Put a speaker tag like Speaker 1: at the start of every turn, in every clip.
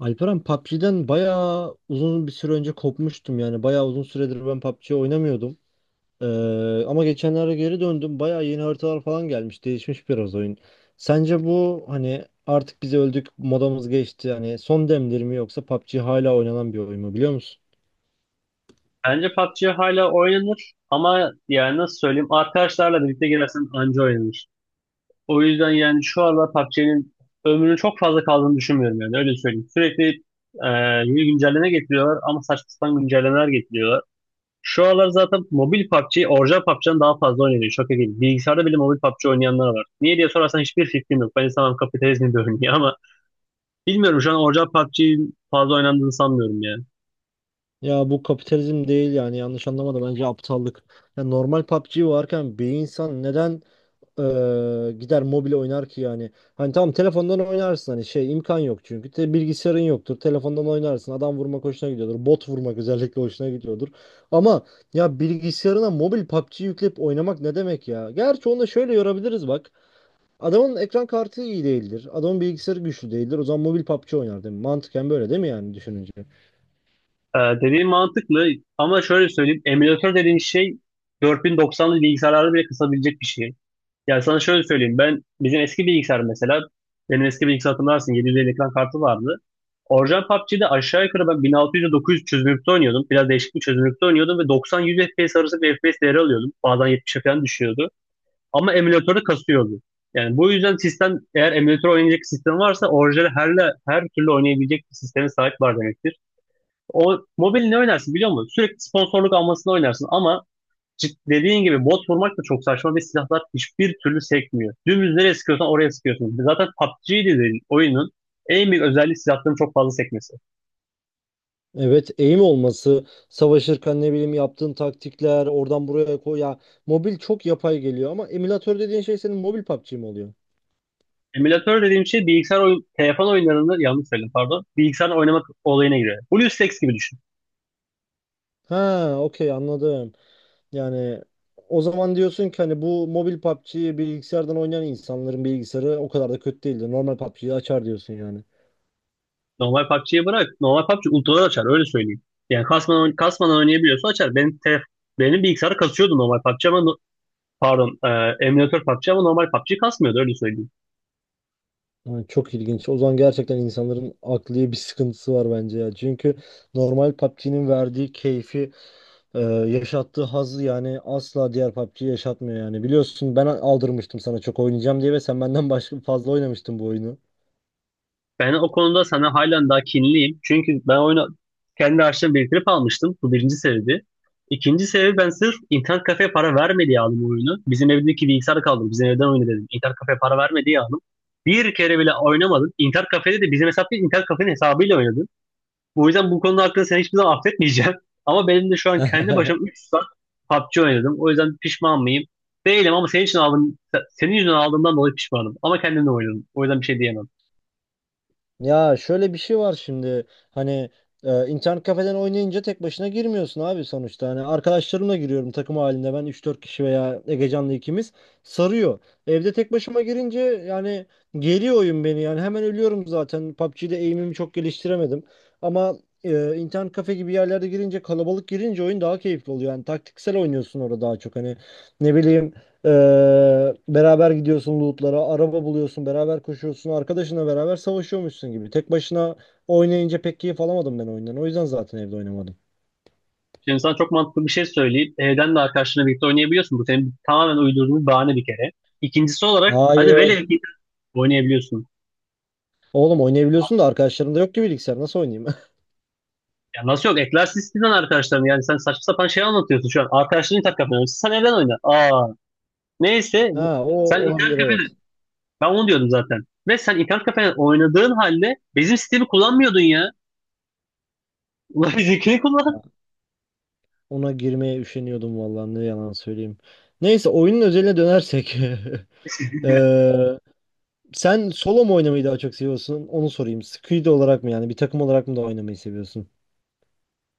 Speaker 1: Alperen, PUBG'den bayağı uzun bir süre önce kopmuştum yani. Bayağı uzun süredir ben PUBG oynamıyordum. Ama geçenlerde geri döndüm. Bayağı yeni haritalar falan gelmiş. Değişmiş biraz oyun. Sence bu, hani artık biz öldük, modamız geçti, hani son demdir mi, yoksa PUBG hala oynanan bir oyun mu, biliyor musun?
Speaker 2: Bence PUBG hala oynanır ama yani nasıl söyleyeyim arkadaşlarla birlikte girersen anca oynanır. O yüzden yani şu aralar PUBG'nin ömrünün çok fazla kaldığını düşünmüyorum yani öyle söyleyeyim. Sürekli e, yeni güncelleme getiriyorlar ama saçma sapan güncellemeler getiriyorlar. Şu aralar zaten mobil PUBG, orijinal PUBG'den daha fazla oynanıyor. Şaka gibi. Bilgisayarda bile mobil PUBG oynayanlar var. Niye diye sorarsan hiçbir fikrim yok. Ben insanım, kapitalizmin bir ürünü ama bilmiyorum şu an orijinal PUBG'nin fazla oynandığını sanmıyorum ya.
Speaker 1: Ya bu kapitalizm değil yani, yanlış anlama da, bence aptallık. Ya normal PUBG varken bir insan neden gider mobil oynar ki yani? Hani tamam, telefondan oynarsın, hani şey, imkan yok çünkü. Bilgisayarın yoktur. Telefondan oynarsın. Adam vurmak hoşuna gidiyordur. Bot vurmak özellikle hoşuna gidiyordur. Ama ya, bilgisayarına mobil PUBG yükleyip oynamak ne demek ya? Gerçi onu da şöyle yorabiliriz bak. Adamın ekran kartı iyi değildir. Adamın bilgisayarı güçlü değildir. O zaman mobil PUBG oynar, değil mi? Mantıken böyle değil mi yani, düşününce?
Speaker 2: Dediğin mantıklı ama şöyle söyleyeyim. Emülatör dediğin şey 4090'lı bilgisayarları bile kısabilecek bir şey. Yani sana şöyle söyleyeyim. Ben bizim eski bilgisayar mesela benim eski bilgisayar hatırlarsın 750 ekran kartı vardı. Orijinal PUBG'de aşağı yukarı ben 1600-900 çözünürlükte oynuyordum. Biraz değişik bir çözünürlükte oynuyordum ve 90-100 FPS arası bir FPS değeri alıyordum. Bazen 70'e falan düşüyordu. Ama emülatörü kasıyordu. Yani bu yüzden sistem, eğer emülatör oynayacak sistem varsa orijinal her türlü oynayabilecek bir sisteme sahip var demektir. O mobil ne oynarsın biliyor musun? Sürekli sponsorluk almasını oynarsın ama dediğin gibi bot vurmak da çok saçma ve silahlar hiçbir türlü sekmiyor. Dümdüz nereye sıkıyorsan oraya sıkıyorsun. Zaten PUBG dediğin oyunun en büyük özelliği silahların çok fazla sekmesi.
Speaker 1: Evet, eğim olması, savaşırken ne bileyim yaptığın taktikler, oradan buraya koy ya. Mobil çok yapay geliyor ama emülatör dediğin şey senin mobil PUBG mi oluyor?
Speaker 2: Emülatör dediğim şey bilgisayar oyun, telefon oyunlarında yanlış söyledim, pardon. Bilgisayar oynamak olayına giriyor. BlueStacks gibi düşün.
Speaker 1: Ha, okey, anladım. Yani o zaman diyorsun ki hani bu mobil PUBG'yi bilgisayardan oynayan insanların bilgisayarı o kadar da kötü değildi. Normal PUBG'yi açar diyorsun yani.
Speaker 2: Normal PUBG'yi bırak. Normal PUBG ultralar açar öyle söyleyeyim. Yani kasmadan, kasmadan oynayabiliyorsa açar. Benim bilgisayarı kasıyordu normal PUBG ama pardon, emülatör PUBG ama normal PUBG kasmıyordu öyle söyleyeyim.
Speaker 1: Yani çok ilginç. O zaman gerçekten insanların akli bir sıkıntısı var bence ya. Çünkü normal PUBG'nin verdiği keyfi, Ee, yaşattığı hazzı yani asla diğer PUBG yaşatmıyor yani. Biliyorsun, ben aldırmıştım sana çok oynayacağım diye ve sen benden başka fazla oynamıştın bu oyunu.
Speaker 2: Ben o konuda sana halen daha kinliyim. Çünkü ben oyunu kendi harçlığımı biriktirip almıştım. Bu birinci sebebi. İkinci sebebi, ben sırf internet kafeye para vermedi diye aldım oyunu. Bizim evdeki bilgisayarı kaldım. Bizim evden oyunu dedim. İnternet kafeye para vermedi diye aldım. Bir kere bile oynamadım. İnternet kafede de bizim hesap değil, internet kafenin hesabıyla oynadım. Bu yüzden bu konuda hakkında seni hiçbir zaman affetmeyeceğim. Ama benim de şu an kendi başıma 3 saat PUBG oynadım. O yüzden pişman mıyım? Değilim, ama senin için aldım, senin yüzünden aldığımdan dolayı pişmanım. Ama kendimle oynadım. O yüzden bir şey diyemem.
Speaker 1: Ya şöyle bir şey var şimdi, hani internet kafeden oynayınca tek başına girmiyorsun abi sonuçta. Hani arkadaşlarımla giriyorum takım halinde, ben üç dört kişi veya Egecan'la ikimiz sarıyor. Evde tek başıma girince yani geriyor oyun beni yani, hemen ölüyorum zaten. PUBG'de aim'imi çok geliştiremedim. Ama internet kafe gibi yerlerde girince, kalabalık girince, oyun daha keyifli oluyor. Yani taktiksel oynuyorsun orada daha çok, hani ne bileyim, beraber gidiyorsun lootlara, araba buluyorsun, beraber koşuyorsun, arkadaşınla beraber savaşıyormuşsun gibi. Tek başına oynayınca pek keyif alamadım ben oyundan. O yüzden zaten evde oynamadım.
Speaker 2: Şimdi sana çok mantıklı bir şey söyleyip, evden de arkadaşlarınla birlikte oynayabiliyorsun. Bu senin tamamen uydurduğun bir bahane bir kere. İkincisi olarak hadi velev
Speaker 1: Hayır.
Speaker 2: ki oynayabiliyorsun.
Speaker 1: Oğlum, oynayabiliyorsun da arkadaşlarım da yok ki bilgisayar. Nasıl oynayayım?
Speaker 2: Ya nasıl yok? Eklersin istediğin arkadaşlarını. Yani sen saçma sapan şey anlatıyorsun şu an. Arkadaşların tak kapanıyor. Sen evden oyna. Aa. Neyse.
Speaker 1: Ha, o
Speaker 2: Sen
Speaker 1: olabilir, evet.
Speaker 2: Ben onu diyordum zaten. Ve sen internet kafede oynadığın halde bizim sistemi kullanmıyordun ya. Ulan bizimkini kullan.
Speaker 1: Ona girmeye üşeniyordum, vallahi ne yalan söyleyeyim. Neyse, oyunun özeline dönersek. Ee, sen solo mu oynamayı daha çok seviyorsun? Onu sorayım. Squid olarak mı yani, bir takım olarak mı da oynamayı seviyorsun?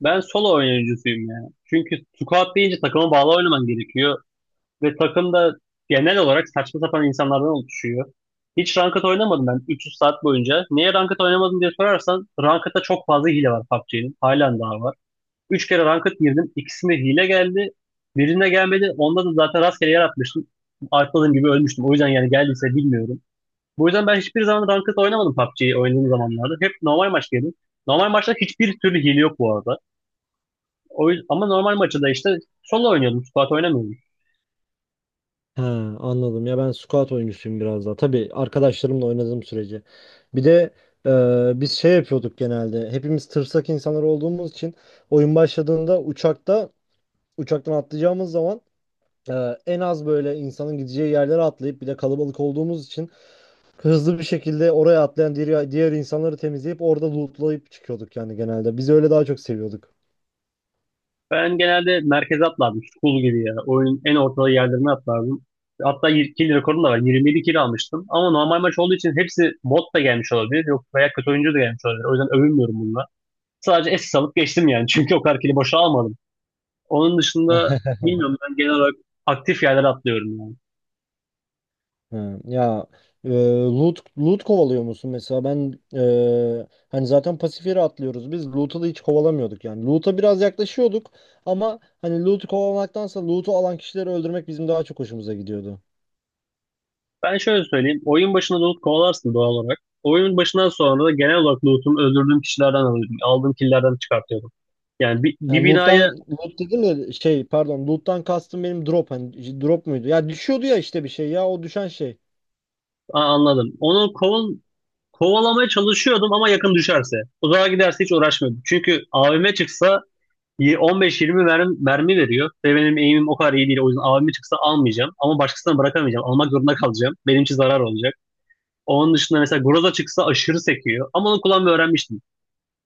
Speaker 2: Ben solo oynayıcısıyım ya. Çünkü squad deyince takıma bağlı oynaman gerekiyor. Ve takım da genel olarak saçma sapan insanlardan oluşuyor. Hiç ranked oynamadım ben 300 saat boyunca. Niye ranked oynamadım diye sorarsan, ranked'da çok fazla hile var PUBG'nin. Halen daha var. 3 kere ranked girdim. İkisinde hile geldi. Birine gelmedi. Onda da zaten rastgele yer atmıştım. Atladığım gibi ölmüştüm. O yüzden yani geldiyse bilmiyorum. Bu yüzden ben hiçbir zaman ranked oynamadım PUBG'yi oynadığım zamanlarda. Hep normal maç yedim. Normal maçta hiçbir türlü hile yok bu arada. O yüzden, ama normal maçta da işte solo oynuyordum. Squad oynamıyordum.
Speaker 1: He, anladım. Ya ben squat oyuncusuyum biraz daha. Tabii arkadaşlarımla oynadığım sürece. Bir de biz şey yapıyorduk genelde. Hepimiz tırsak insanlar olduğumuz için oyun başladığında, uçakta, uçaktan atlayacağımız zaman e, en az böyle insanın gideceği yerlere atlayıp, bir de kalabalık olduğumuz için hızlı bir şekilde oraya atlayan diğer insanları temizleyip orada lootlayıp çıkıyorduk yani genelde. Biz öyle daha çok seviyorduk.
Speaker 2: Ben genelde merkeze atlardım. School gibi ya. Oyunun en ortalığı yerlerine atlardım. Hatta kill rekorum da var. 27 kill almıştım. Ama normal maç olduğu için hepsi bot da gelmiş olabilir. Yok, veya kötü oyuncu da gelmiş olabilir. O yüzden övünmüyorum bununla. Sadece SS alıp geçtim yani. Çünkü o kadar kill'i boşa almadım. Onun dışında bilmiyorum, ben genel olarak aktif yerlere atlıyorum yani.
Speaker 1: Ha, ya e, loot kovalıyor musun mesela? Ben hani zaten pasif yere atlıyoruz, biz loot'u da hiç kovalamıyorduk yani, loot'a biraz yaklaşıyorduk ama hani loot'u kovalamaktansa loot'u alan kişileri öldürmek bizim daha çok hoşumuza gidiyordu.
Speaker 2: Ben şöyle söyleyeyim. Oyun başında loot kovalarsın doğal olarak. Oyunun başından sonra da genel olarak lootumu öldürdüğüm kişilerden alıyordum. Aldığım killlerden çıkartıyordum. Yani bir
Speaker 1: Yani loot'tan,
Speaker 2: binaya.
Speaker 1: loot dedim de şey pardon, loot'tan kastım benim drop, hani drop muydu? Ya düşüyordu ya işte bir şey, ya o düşen şey.
Speaker 2: Aa, anladım. Kovalamaya çalışıyordum ama yakın düşerse. Uzağa giderse hiç uğraşmıyordum. Çünkü AVM çıksa 15-20 mermi veriyor. Ve benim aim'im o kadar iyi değil. O yüzden AVM çıksa almayacağım. Ama başkasına bırakamayacağım. Almak zorunda kalacağım. Benim için zarar olacak. Onun dışında mesela Groza çıksa aşırı sekiyor. Ama onu kullanmayı öğrenmiştim.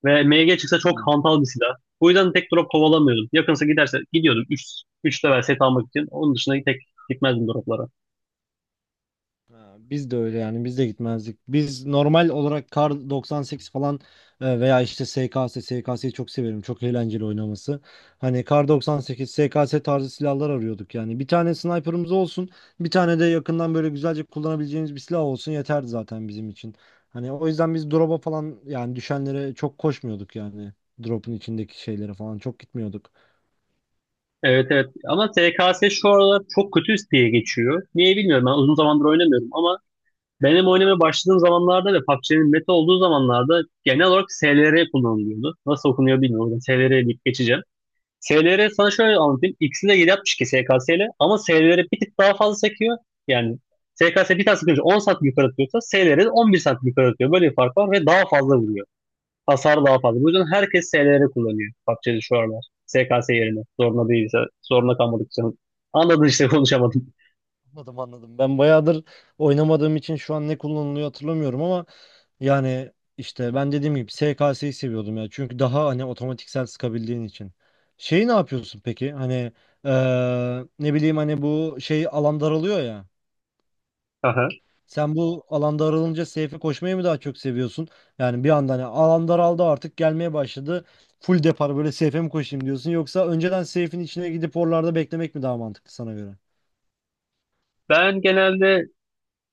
Speaker 2: Ve MG çıksa
Speaker 1: Ha.
Speaker 2: çok hantal bir silah. Bu yüzden tek drop kovalamıyordum. Yakınsa giderse gidiyordum. 3 level set almak için. Onun dışında tek gitmezdim droplara.
Speaker 1: Ha, biz de öyle yani, biz de gitmezdik. Biz normal olarak Kar 98 falan, veya işte SKS'yi çok severim. Çok eğlenceli oynaması. Hani Kar 98, SKS tarzı silahlar arıyorduk yani. Bir tane sniper'ımız olsun, bir tane de yakından böyle güzelce kullanabileceğimiz bir silah olsun yeterdi zaten bizim için. Hani o yüzden biz drop'a falan, yani düşenlere çok koşmuyorduk yani. Drop'un içindeki şeylere falan çok gitmiyorduk.
Speaker 2: Evet evet, ama TKS şu aralar çok kötü diye geçiyor. Niye bilmiyorum, ben uzun zamandır oynamıyorum ama benim oynamaya başladığım zamanlarda ve PUBG'nin meta olduğu zamanlarda genel olarak SLR kullanılıyordu. Nasıl okunuyor bilmiyorum. SLR deyip geçeceğim. SLR, sana şöyle anlatayım. İkisi de 7.62 SKS ile, ama SLR bir tık daha fazla sekiyor. Yani SKS bir tane sıkınca 10 santim yukarı atıyorsa, SLR 11 santim yukarı atıyor. Böyle bir fark var ve daha fazla vuruyor. Hasar daha fazla. Bu yüzden herkes SLR kullanıyor PUBG'de şu aralar. SKS yerine. Zorunda değilse. Zorunda kalmadık canım. Anladın işte. Konuşamadım.
Speaker 1: Anladım, anladım. Ben bayağıdır oynamadığım için şu an ne kullanılıyor hatırlamıyorum ama yani işte ben dediğim gibi SKS'yi seviyordum ya. Çünkü daha hani otomatiksel sıkabildiğin için. Şeyi ne yapıyorsun peki? Hani ne bileyim, hani bu şey, alan daralıyor ya.
Speaker 2: Aha.
Speaker 1: Sen bu alan daralınca safe'e koşmayı mı daha çok seviyorsun? Yani bir anda hani alan daraldı, artık gelmeye başladı. Full depar böyle safe'e mi koşayım diyorsun? Yoksa önceden safe'in içine gidip oralarda beklemek mi daha mantıklı sana göre?
Speaker 2: Ben genelde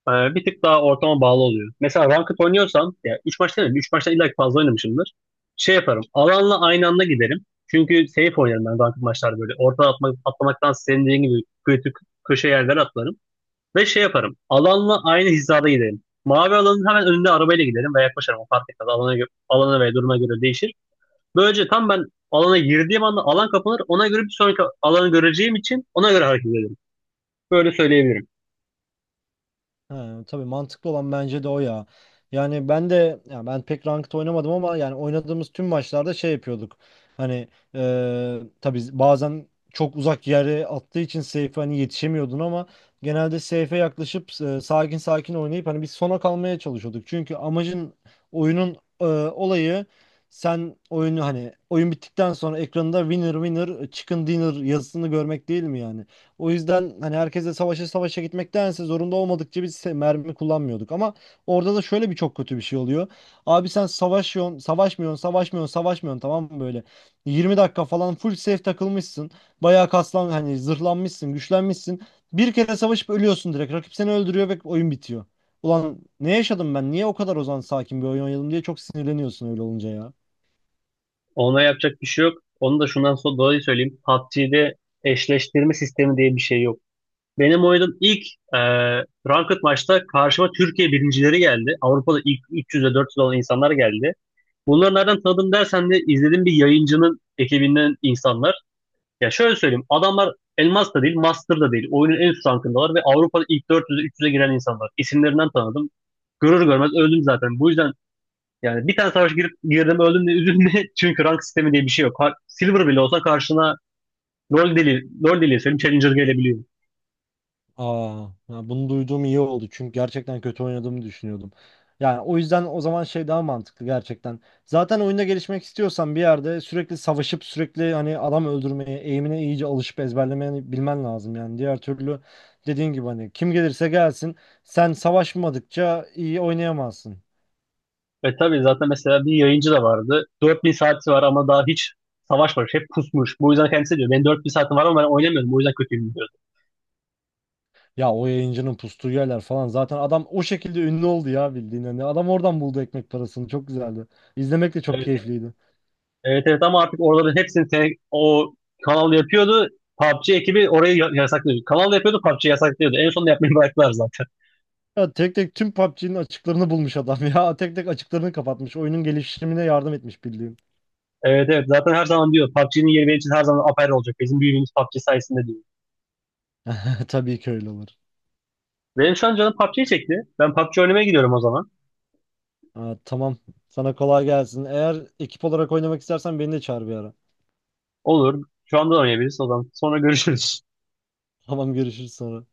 Speaker 2: Bir tık daha ortama bağlı oluyor. Mesela ranked oynuyorsam, ya 3 maç değil, 3 maçtan illa ki fazla oynamışımdır. Şey yaparım, alanla aynı anda giderim. Çünkü safe oynarım ben ranked maçlarda böyle. Orta atmak, atlamaktan senin dediğin gibi kötü köşe yerlere atlarım. Ve şey yaparım, alanla aynı hizada giderim. Mavi alanın hemen önünde arabayla giderim ve yaklaşırım. O fark etmez. Alana, alana ve duruma göre değişir. Böylece tam ben alana girdiğim anda alan kapanır. Ona göre bir sonraki alanı göreceğim için ona göre hareket ederim. Böyle söyleyebilirim.
Speaker 1: Ha, tabii mantıklı olan bence de o ya. Yani ben de, ya ben pek ranked oynamadım ama yani oynadığımız tüm maçlarda şey yapıyorduk. Hani tabii bazen çok uzak yere attığı için safe'e hani yetişemiyordun ama genelde safe'e yaklaşıp sakin sakin oynayıp hani biz sona kalmaya çalışıyorduk. Çünkü amacın, oyunun olayı, sen oyunu hani oyun bittikten sonra ekranda winner winner chicken dinner yazısını görmek değil mi yani? O yüzden hani herkese savaşa savaşa gitmektense, zorunda olmadıkça biz mermi kullanmıyorduk. Ama orada da şöyle bir çok kötü bir şey oluyor. Abi sen savaşıyorsun, savaşmıyorsun, savaşmıyorsun, savaşmıyorsun, tamam mı böyle? 20 dakika falan full safe takılmışsın. Bayağı kaslan, hani zırhlanmışsın, güçlenmişsin. Bir kere savaşıp ölüyorsun direkt. Rakip seni öldürüyor ve oyun bitiyor. Ulan ne yaşadım ben? Niye o kadar o zaman sakin bir oyun oynadım diye çok sinirleniyorsun öyle olunca ya.
Speaker 2: Ona yapacak bir şey yok. Onu da şundan sonra dolayı söyleyeyim. PUBG'de eşleştirme sistemi diye bir şey yok. Benim oynadığım ilk e, ranked maçta karşıma Türkiye birincileri geldi. Avrupa'da ilk 300'e 400 olan insanlar geldi. Bunları nereden tanıdım dersen de izlediğim bir yayıncının ekibinden insanlar. Ya şöyle söyleyeyim. Adamlar Elmas da değil, Master da değil. Oyunun en üst rankındalar ve Avrupa'da ilk 400'e 300'e giren insanlar. İsimlerinden tanıdım. Görür görmez öldüm zaten. Bu yüzden yani bir tane savaş girip girdim, öldüm de üzülme. Çünkü rank sistemi diye bir şey yok. Silver bile olsa karşına LoL deli, LoL deli senin Challenger gelebiliyor.
Speaker 1: Aa, ya bunu duyduğum iyi oldu çünkü gerçekten kötü oynadığımı düşünüyordum. Yani o yüzden o zaman şey daha mantıklı gerçekten. Zaten oyunda gelişmek istiyorsan bir yerde sürekli savaşıp sürekli hani adam öldürmeye, eğimine iyice alışıp ezberlemeye bilmen lazım yani. Diğer türlü dediğin gibi hani kim gelirse gelsin, sen savaşmadıkça iyi oynayamazsın.
Speaker 2: Ve tabii zaten mesela bir yayıncı da vardı. 4000 saati var ama daha hiç savaşmamış. Hep pusmuş. Bu yüzden kendisi diyor, benim 4000 saatim var ama ben oynamıyorum, bu yüzden kötüyüm diyordu.
Speaker 1: Ya o yayıncının pustuğu yerler falan, zaten adam o şekilde ünlü oldu ya bildiğin, hani adam oradan buldu ekmek parasını, çok güzeldi. İzlemek de çok
Speaker 2: Evet,
Speaker 1: keyifliydi.
Speaker 2: evet, evet ama artık oraların hepsini o kanal yapıyordu. PUBG ekibi orayı yasaklıyordu. Kanal yapıyordu, PUBG yasaklıyordu. En sonunda yapmayı bıraktılar zaten.
Speaker 1: Ya tek tek tüm PUBG'nin açıklarını bulmuş adam ya. Tek tek açıklarını kapatmış. Oyunun gelişimine yardım etmiş bildiğin.
Speaker 2: Evet evet, zaten her zaman diyor PUBG'nin yeri benim için her zaman apayrı olacak. Bizim büyüğümüz PUBG sayesinde diyor.
Speaker 1: Tabii ki öyle olur.
Speaker 2: Benim şu an canım PUBG çekti. Ben PUBG oynamaya gidiyorum o zaman.
Speaker 1: Ha, tamam. Sana kolay gelsin. Eğer ekip olarak oynamak istersen beni de çağır bir ara.
Speaker 2: Olur. Şu anda oynayabiliriz o zaman. Sonra görüşürüz.
Speaker 1: Tamam, görüşürüz sonra.